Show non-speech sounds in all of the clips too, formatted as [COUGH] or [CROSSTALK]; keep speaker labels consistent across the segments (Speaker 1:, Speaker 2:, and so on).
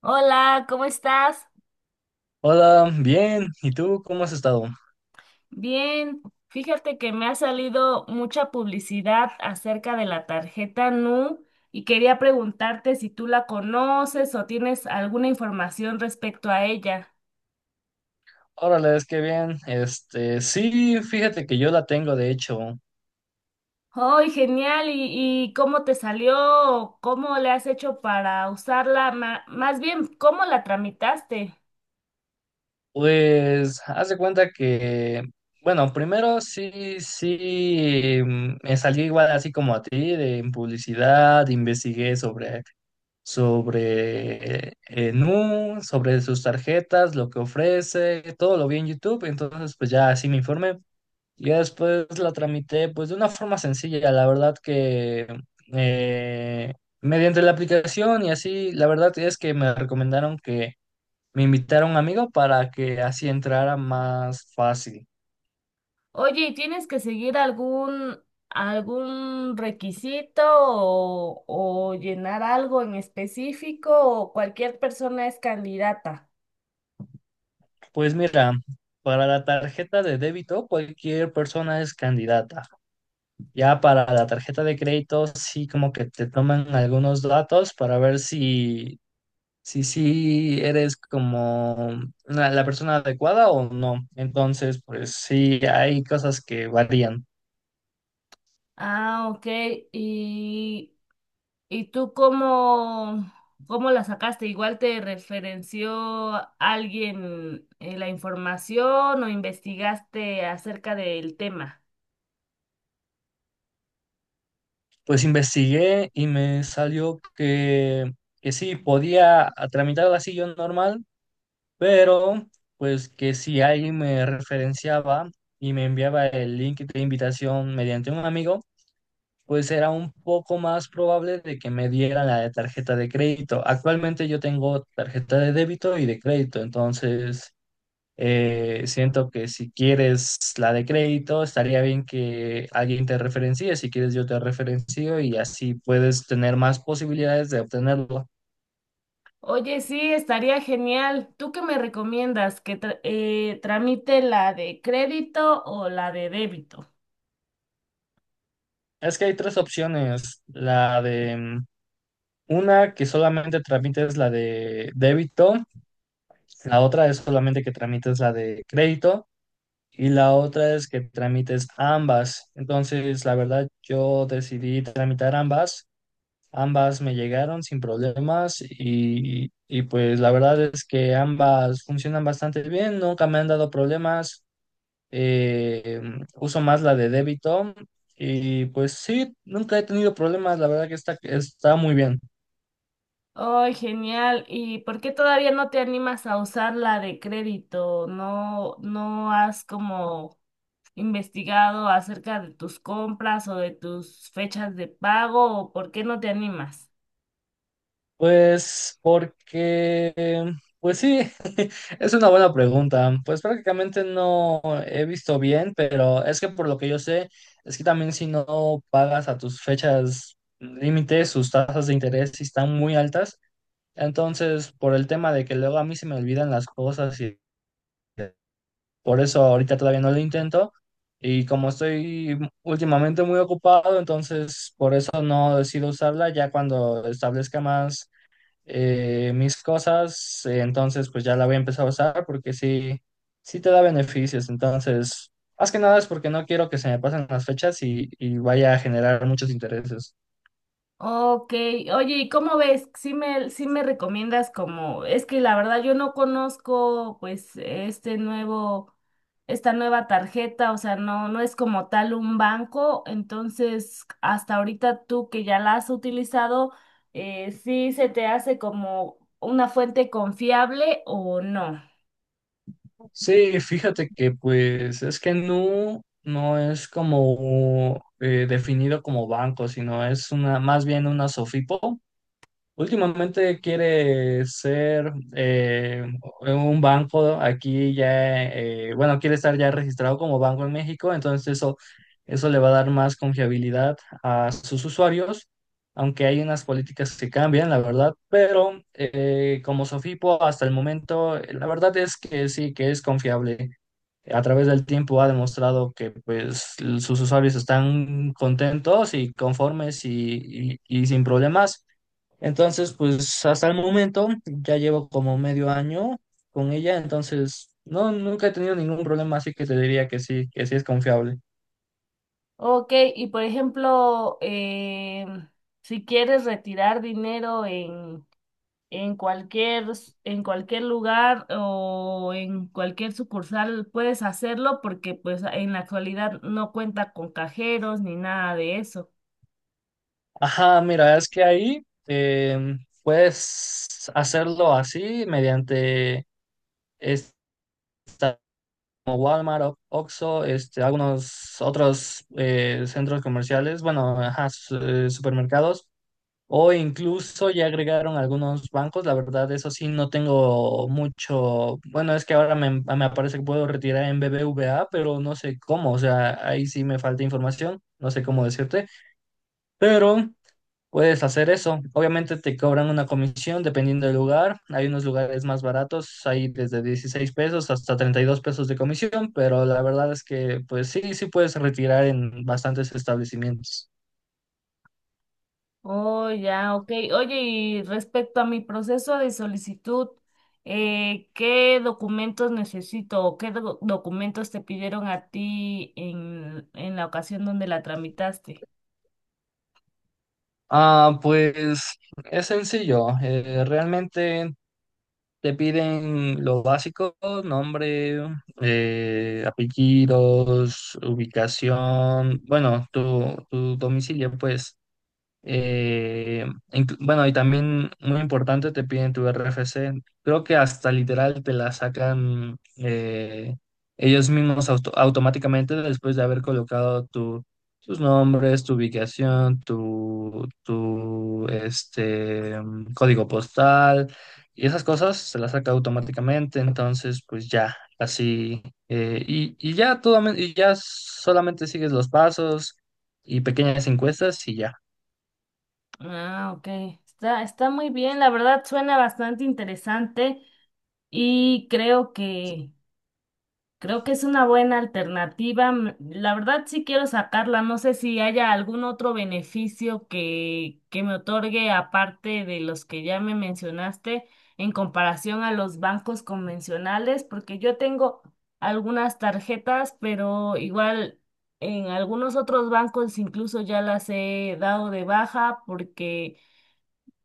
Speaker 1: Hola, ¿cómo estás?
Speaker 2: Hola, bien. ¿Y tú cómo has estado?
Speaker 1: Bien, fíjate que me ha salido mucha publicidad acerca de la tarjeta Nu y quería preguntarte si tú la conoces o tienes alguna información respecto a ella.
Speaker 2: Órale, es que bien. Este, sí, fíjate que yo la tengo, de hecho.
Speaker 1: ¡Ay, genial! ¿Y cómo te salió? ¿Cómo le has hecho para usarla? Más bien, ¿cómo la tramitaste?
Speaker 2: Pues, haz de cuenta que, bueno, primero sí, sí, me salí igual así como a ti, de en publicidad, investigué sobre Nu, sobre sus tarjetas, lo que ofrece, todo lo vi en YouTube, entonces pues ya así me informé. Ya después la tramité pues de una forma sencilla, la verdad que eh, mediante la aplicación y así, la verdad es que me recomendaron que me invitara a un amigo para que así entrara más fácil.
Speaker 1: Oye, ¿y tienes que seguir algún requisito o llenar algo en específico o cualquier persona es candidata?
Speaker 2: Pues mira, para la tarjeta de débito cualquier persona es candidata. Ya para la tarjeta de crédito sí como que te toman algunos datos para ver si sí eres como la persona adecuada o no. Entonces, pues sí, hay cosas que varían.
Speaker 1: Ah, ok. ¿Y, y tú cómo, cómo la sacaste? ¿Igual te referenció alguien la información o investigaste acerca del tema?
Speaker 2: Pues investigué y me salió que sí, podía tramitar la silla normal, pero pues que si alguien me referenciaba y me enviaba el link de invitación mediante un amigo, pues era un poco más probable de que me dieran la de tarjeta de crédito. Actualmente yo tengo tarjeta de débito y de crédito, entonces. Siento que si quieres la de crédito, estaría bien que alguien te referencie. Si quieres, yo te referencio y así puedes tener más posibilidades de obtenerlo.
Speaker 1: Oye, sí, estaría genial. ¿Tú qué me recomiendas? ¿Que tramite la de crédito o la de débito?
Speaker 2: Es que hay tres opciones. La de una que solamente tramites la de débito, la otra es solamente que tramites la de crédito y la otra es que tramites ambas. Entonces, la verdad, yo decidí tramitar ambas. Ambas me llegaron sin problemas y pues la verdad es que ambas funcionan bastante bien, nunca me han dado problemas, eh, uso más la de débito y pues sí, nunca he tenido problemas, la verdad que está muy bien.
Speaker 1: Ay, genial. ¿Y por qué todavía no te animas a usar la de crédito? No has como investigado acerca de tus compras o de tus fechas de pago? ¿O por qué no te animas?
Speaker 2: Pues porque, pues sí, [LAUGHS] es una buena pregunta. Pues prácticamente no he visto bien, pero es que por lo que yo sé, es que también si no pagas a tus fechas límites, sus tasas de interés sí están muy altas. Entonces, por el tema de que luego a mí se me olvidan las cosas y por eso ahorita todavía no lo intento. Y como estoy últimamente muy ocupado, entonces por eso no decido usarla ya cuando establezca más mis cosas, entonces pues ya la voy a empezar a usar porque sí, sí te da beneficios. Entonces, más que nada es porque no quiero que se me pasen las fechas y vaya a generar muchos intereses.
Speaker 1: Ok, oye, ¿y cómo ves? Sí me recomiendas como, es que la verdad yo no conozco pues esta nueva tarjeta, o sea, no es como tal un banco, entonces hasta ahorita tú que ya la has utilizado, ¿sí se te hace como una fuente confiable o no?
Speaker 2: Sí, fíjate que pues es que Nu no es como definido como banco, sino es una, más bien una SOFIPO. Últimamente quiere ser un banco aquí ya, bueno, quiere estar ya registrado como banco en México, entonces eso le va a dar más confiabilidad a sus usuarios, aunque hay unas políticas que cambian, la verdad, pero como Sofipo hasta el momento, la verdad es que sí, que es confiable. A través del tiempo ha demostrado que pues sus usuarios están contentos y conformes y sin problemas. Entonces, pues hasta el momento ya llevo como medio año con ella, entonces no, nunca he tenido ningún problema, así que te diría que sí es confiable.
Speaker 1: Ok, y por ejemplo, si quieres retirar dinero En cualquier, en cualquier lugar o en cualquier sucursal puedes hacerlo porque pues en la actualidad no cuenta con cajeros ni nada de eso.
Speaker 2: Ajá, mira, es que ahí puedes hacerlo así mediante esta como Walmart, o- Oxxo, este, algunos otros centros comerciales, bueno, ajá, supermercados. O incluso ya agregaron algunos bancos, la verdad, eso sí, no tengo mucho. Bueno, es que ahora me aparece que puedo retirar en BBVA, pero no sé cómo, o sea, ahí sí me falta información, no sé cómo decirte, pero puedes hacer eso. Obviamente te cobran una comisión dependiendo del lugar, hay unos lugares más baratos, hay desde $16 hasta $32 de comisión, pero la verdad es que, pues sí, sí puedes retirar en bastantes establecimientos.
Speaker 1: Oh, ya, ok. Oye, y respecto a mi proceso de solicitud, ¿qué documentos necesito o qué documentos te pidieron a ti en la ocasión donde la tramitaste?
Speaker 2: Ah, pues es sencillo. Realmente te piden lo básico, nombre, apellidos, ubicación, bueno, tu domicilio, pues. Eh, bueno, y también muy importante, te piden tu RFC. Creo que hasta literal te la sacan ellos mismos automáticamente después de haber colocado tus nombres, tu ubicación, tu este, código postal y esas cosas se las saca automáticamente. Entonces, pues ya, así. Y ya, todo, y ya solamente sigues los pasos y pequeñas encuestas y ya.
Speaker 1: Ah, ok. Está, está muy bien, la verdad suena bastante interesante. Y creo que Creo que es una buena alternativa. La verdad sí quiero sacarla. No sé si haya algún otro beneficio que me otorgue aparte de los que ya me mencionaste en comparación a los bancos convencionales, porque yo tengo algunas tarjetas, pero igual en algunos otros bancos incluso ya las he dado de baja porque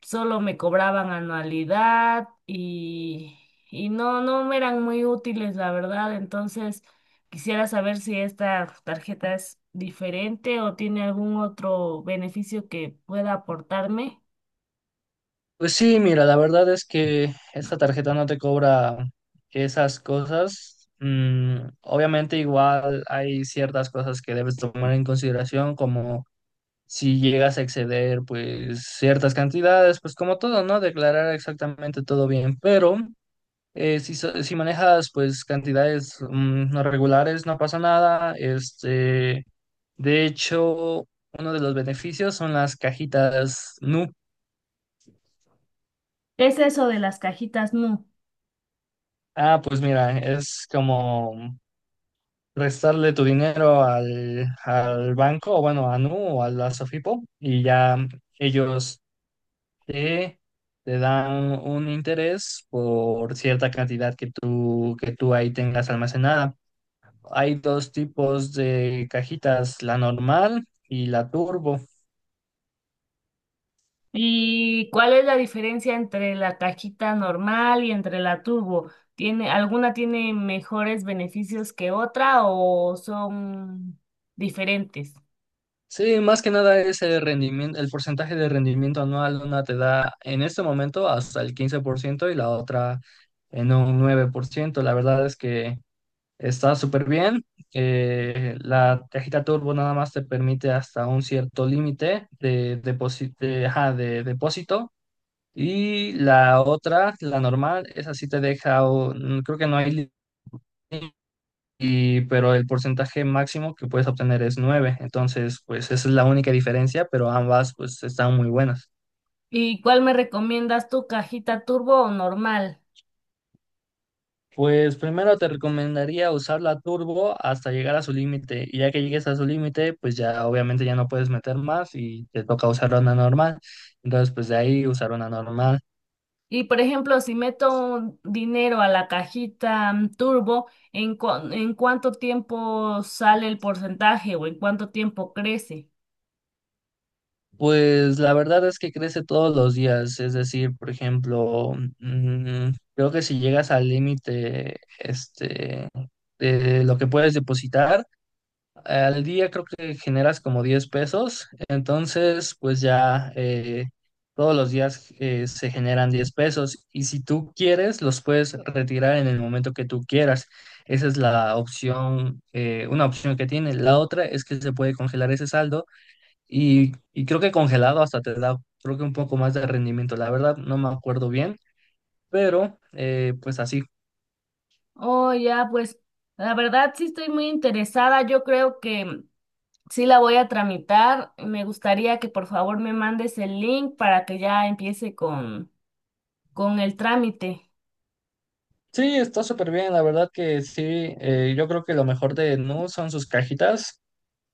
Speaker 1: solo me cobraban anualidad y no me eran muy útiles, la verdad. Entonces, quisiera saber si esta tarjeta es diferente o tiene algún otro beneficio que pueda aportarme.
Speaker 2: Pues sí, mira, la verdad es que esta tarjeta no te cobra esas cosas. Mm, obviamente igual hay ciertas cosas que debes tomar en consideración, como si llegas a exceder pues ciertas cantidades, pues como todo, ¿no? Declarar exactamente todo bien, pero si manejas pues cantidades no regulares, no pasa nada. Este, de hecho, uno de los beneficios son las cajitas Nu.
Speaker 1: ¿Qué es eso de las cajitas Nu?
Speaker 2: Ah, pues mira, es como restarle tu dinero al banco, o bueno, a Nu o a la Sofipo, y ya ellos te, te dan un interés por cierta cantidad que tú ahí tengas almacenada. Hay dos tipos de cajitas, la normal y la turbo.
Speaker 1: ¿Y cuál es la diferencia entre la cajita normal y entre la turbo? ¿Tiene, alguna tiene mejores beneficios que otra o son diferentes?
Speaker 2: Sí, más que nada es el rendimiento, el porcentaje de rendimiento anual, una te da en este momento hasta el 15% y la otra en un 9%. La verdad es que está súper bien. La cajita Turbo nada más te permite hasta un cierto límite ajá, de depósito y la otra, la normal, esa sí te deja, creo que no hay límite y pero el porcentaje máximo que puedes obtener es nueve. Entonces, pues esa es la única diferencia, pero ambas pues están muy buenas.
Speaker 1: ¿Y cuál me recomiendas tú, cajita turbo o normal?
Speaker 2: Pues primero te recomendaría usar la turbo hasta llegar a su límite y ya que llegues a su límite, pues ya obviamente ya no puedes meter más y te toca usar una normal. Entonces, pues de ahí usar una normal.
Speaker 1: Y por ejemplo, si meto un dinero a la cajita turbo, en cuánto tiempo sale el porcentaje o en cuánto tiempo crece?
Speaker 2: Pues la verdad es que crece todos los días, es decir, por ejemplo, mm, creo que si llegas al límite, este, de lo que puedes depositar, al día creo que generas como $10, entonces pues ya todos los días se generan $10 y si tú quieres los puedes retirar en el momento que tú quieras. Esa es la opción, una opción que tiene. La otra es que se puede congelar ese saldo y creo que congelado hasta te da creo que un poco más de rendimiento. La verdad no me acuerdo bien, pero pues así.
Speaker 1: Oh, ya, pues la verdad sí estoy muy interesada. Yo creo que sí la voy a tramitar. Me gustaría que por favor me mandes el link para que ya empiece con el trámite.
Speaker 2: Sí, está súper bien, la verdad que sí, yo creo que lo mejor de Nu son sus cajitas.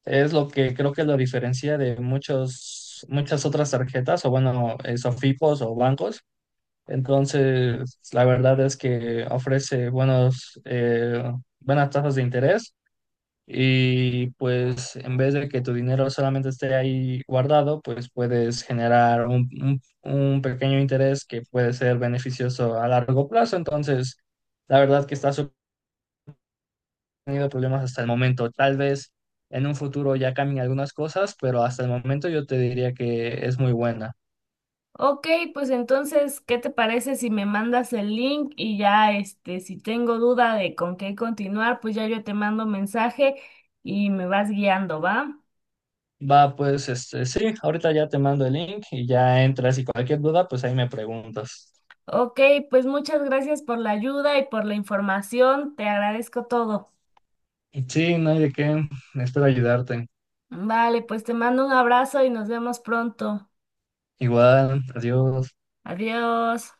Speaker 2: Es lo que creo que lo diferencia de muchas otras tarjetas o bueno, Sofipos o bancos. Entonces, la verdad es que ofrece buenas tasas de interés y pues en vez de que tu dinero solamente esté ahí guardado, pues puedes generar un, un pequeño interés que puede ser beneficioso a largo plazo. Entonces, la verdad que está súper tenido problemas hasta el momento. Tal vez en un futuro ya cambien algunas cosas, pero hasta el momento yo te diría que es muy buena.
Speaker 1: Ok, pues entonces, ¿qué te parece si me mandas el link y ya, este, si tengo duda de con qué continuar, pues ya yo te mando mensaje y me vas guiando, ¿va?
Speaker 2: Va, pues este, sí, ahorita ya te mando el link y ya entras y cualquier duda, pues ahí me preguntas.
Speaker 1: Ok, pues muchas gracias por la ayuda y por la información, te agradezco todo.
Speaker 2: Y sí, no hay de qué, espero ayudarte.
Speaker 1: Vale, pues te mando un abrazo y nos vemos pronto.
Speaker 2: Igual, adiós.
Speaker 1: Adiós.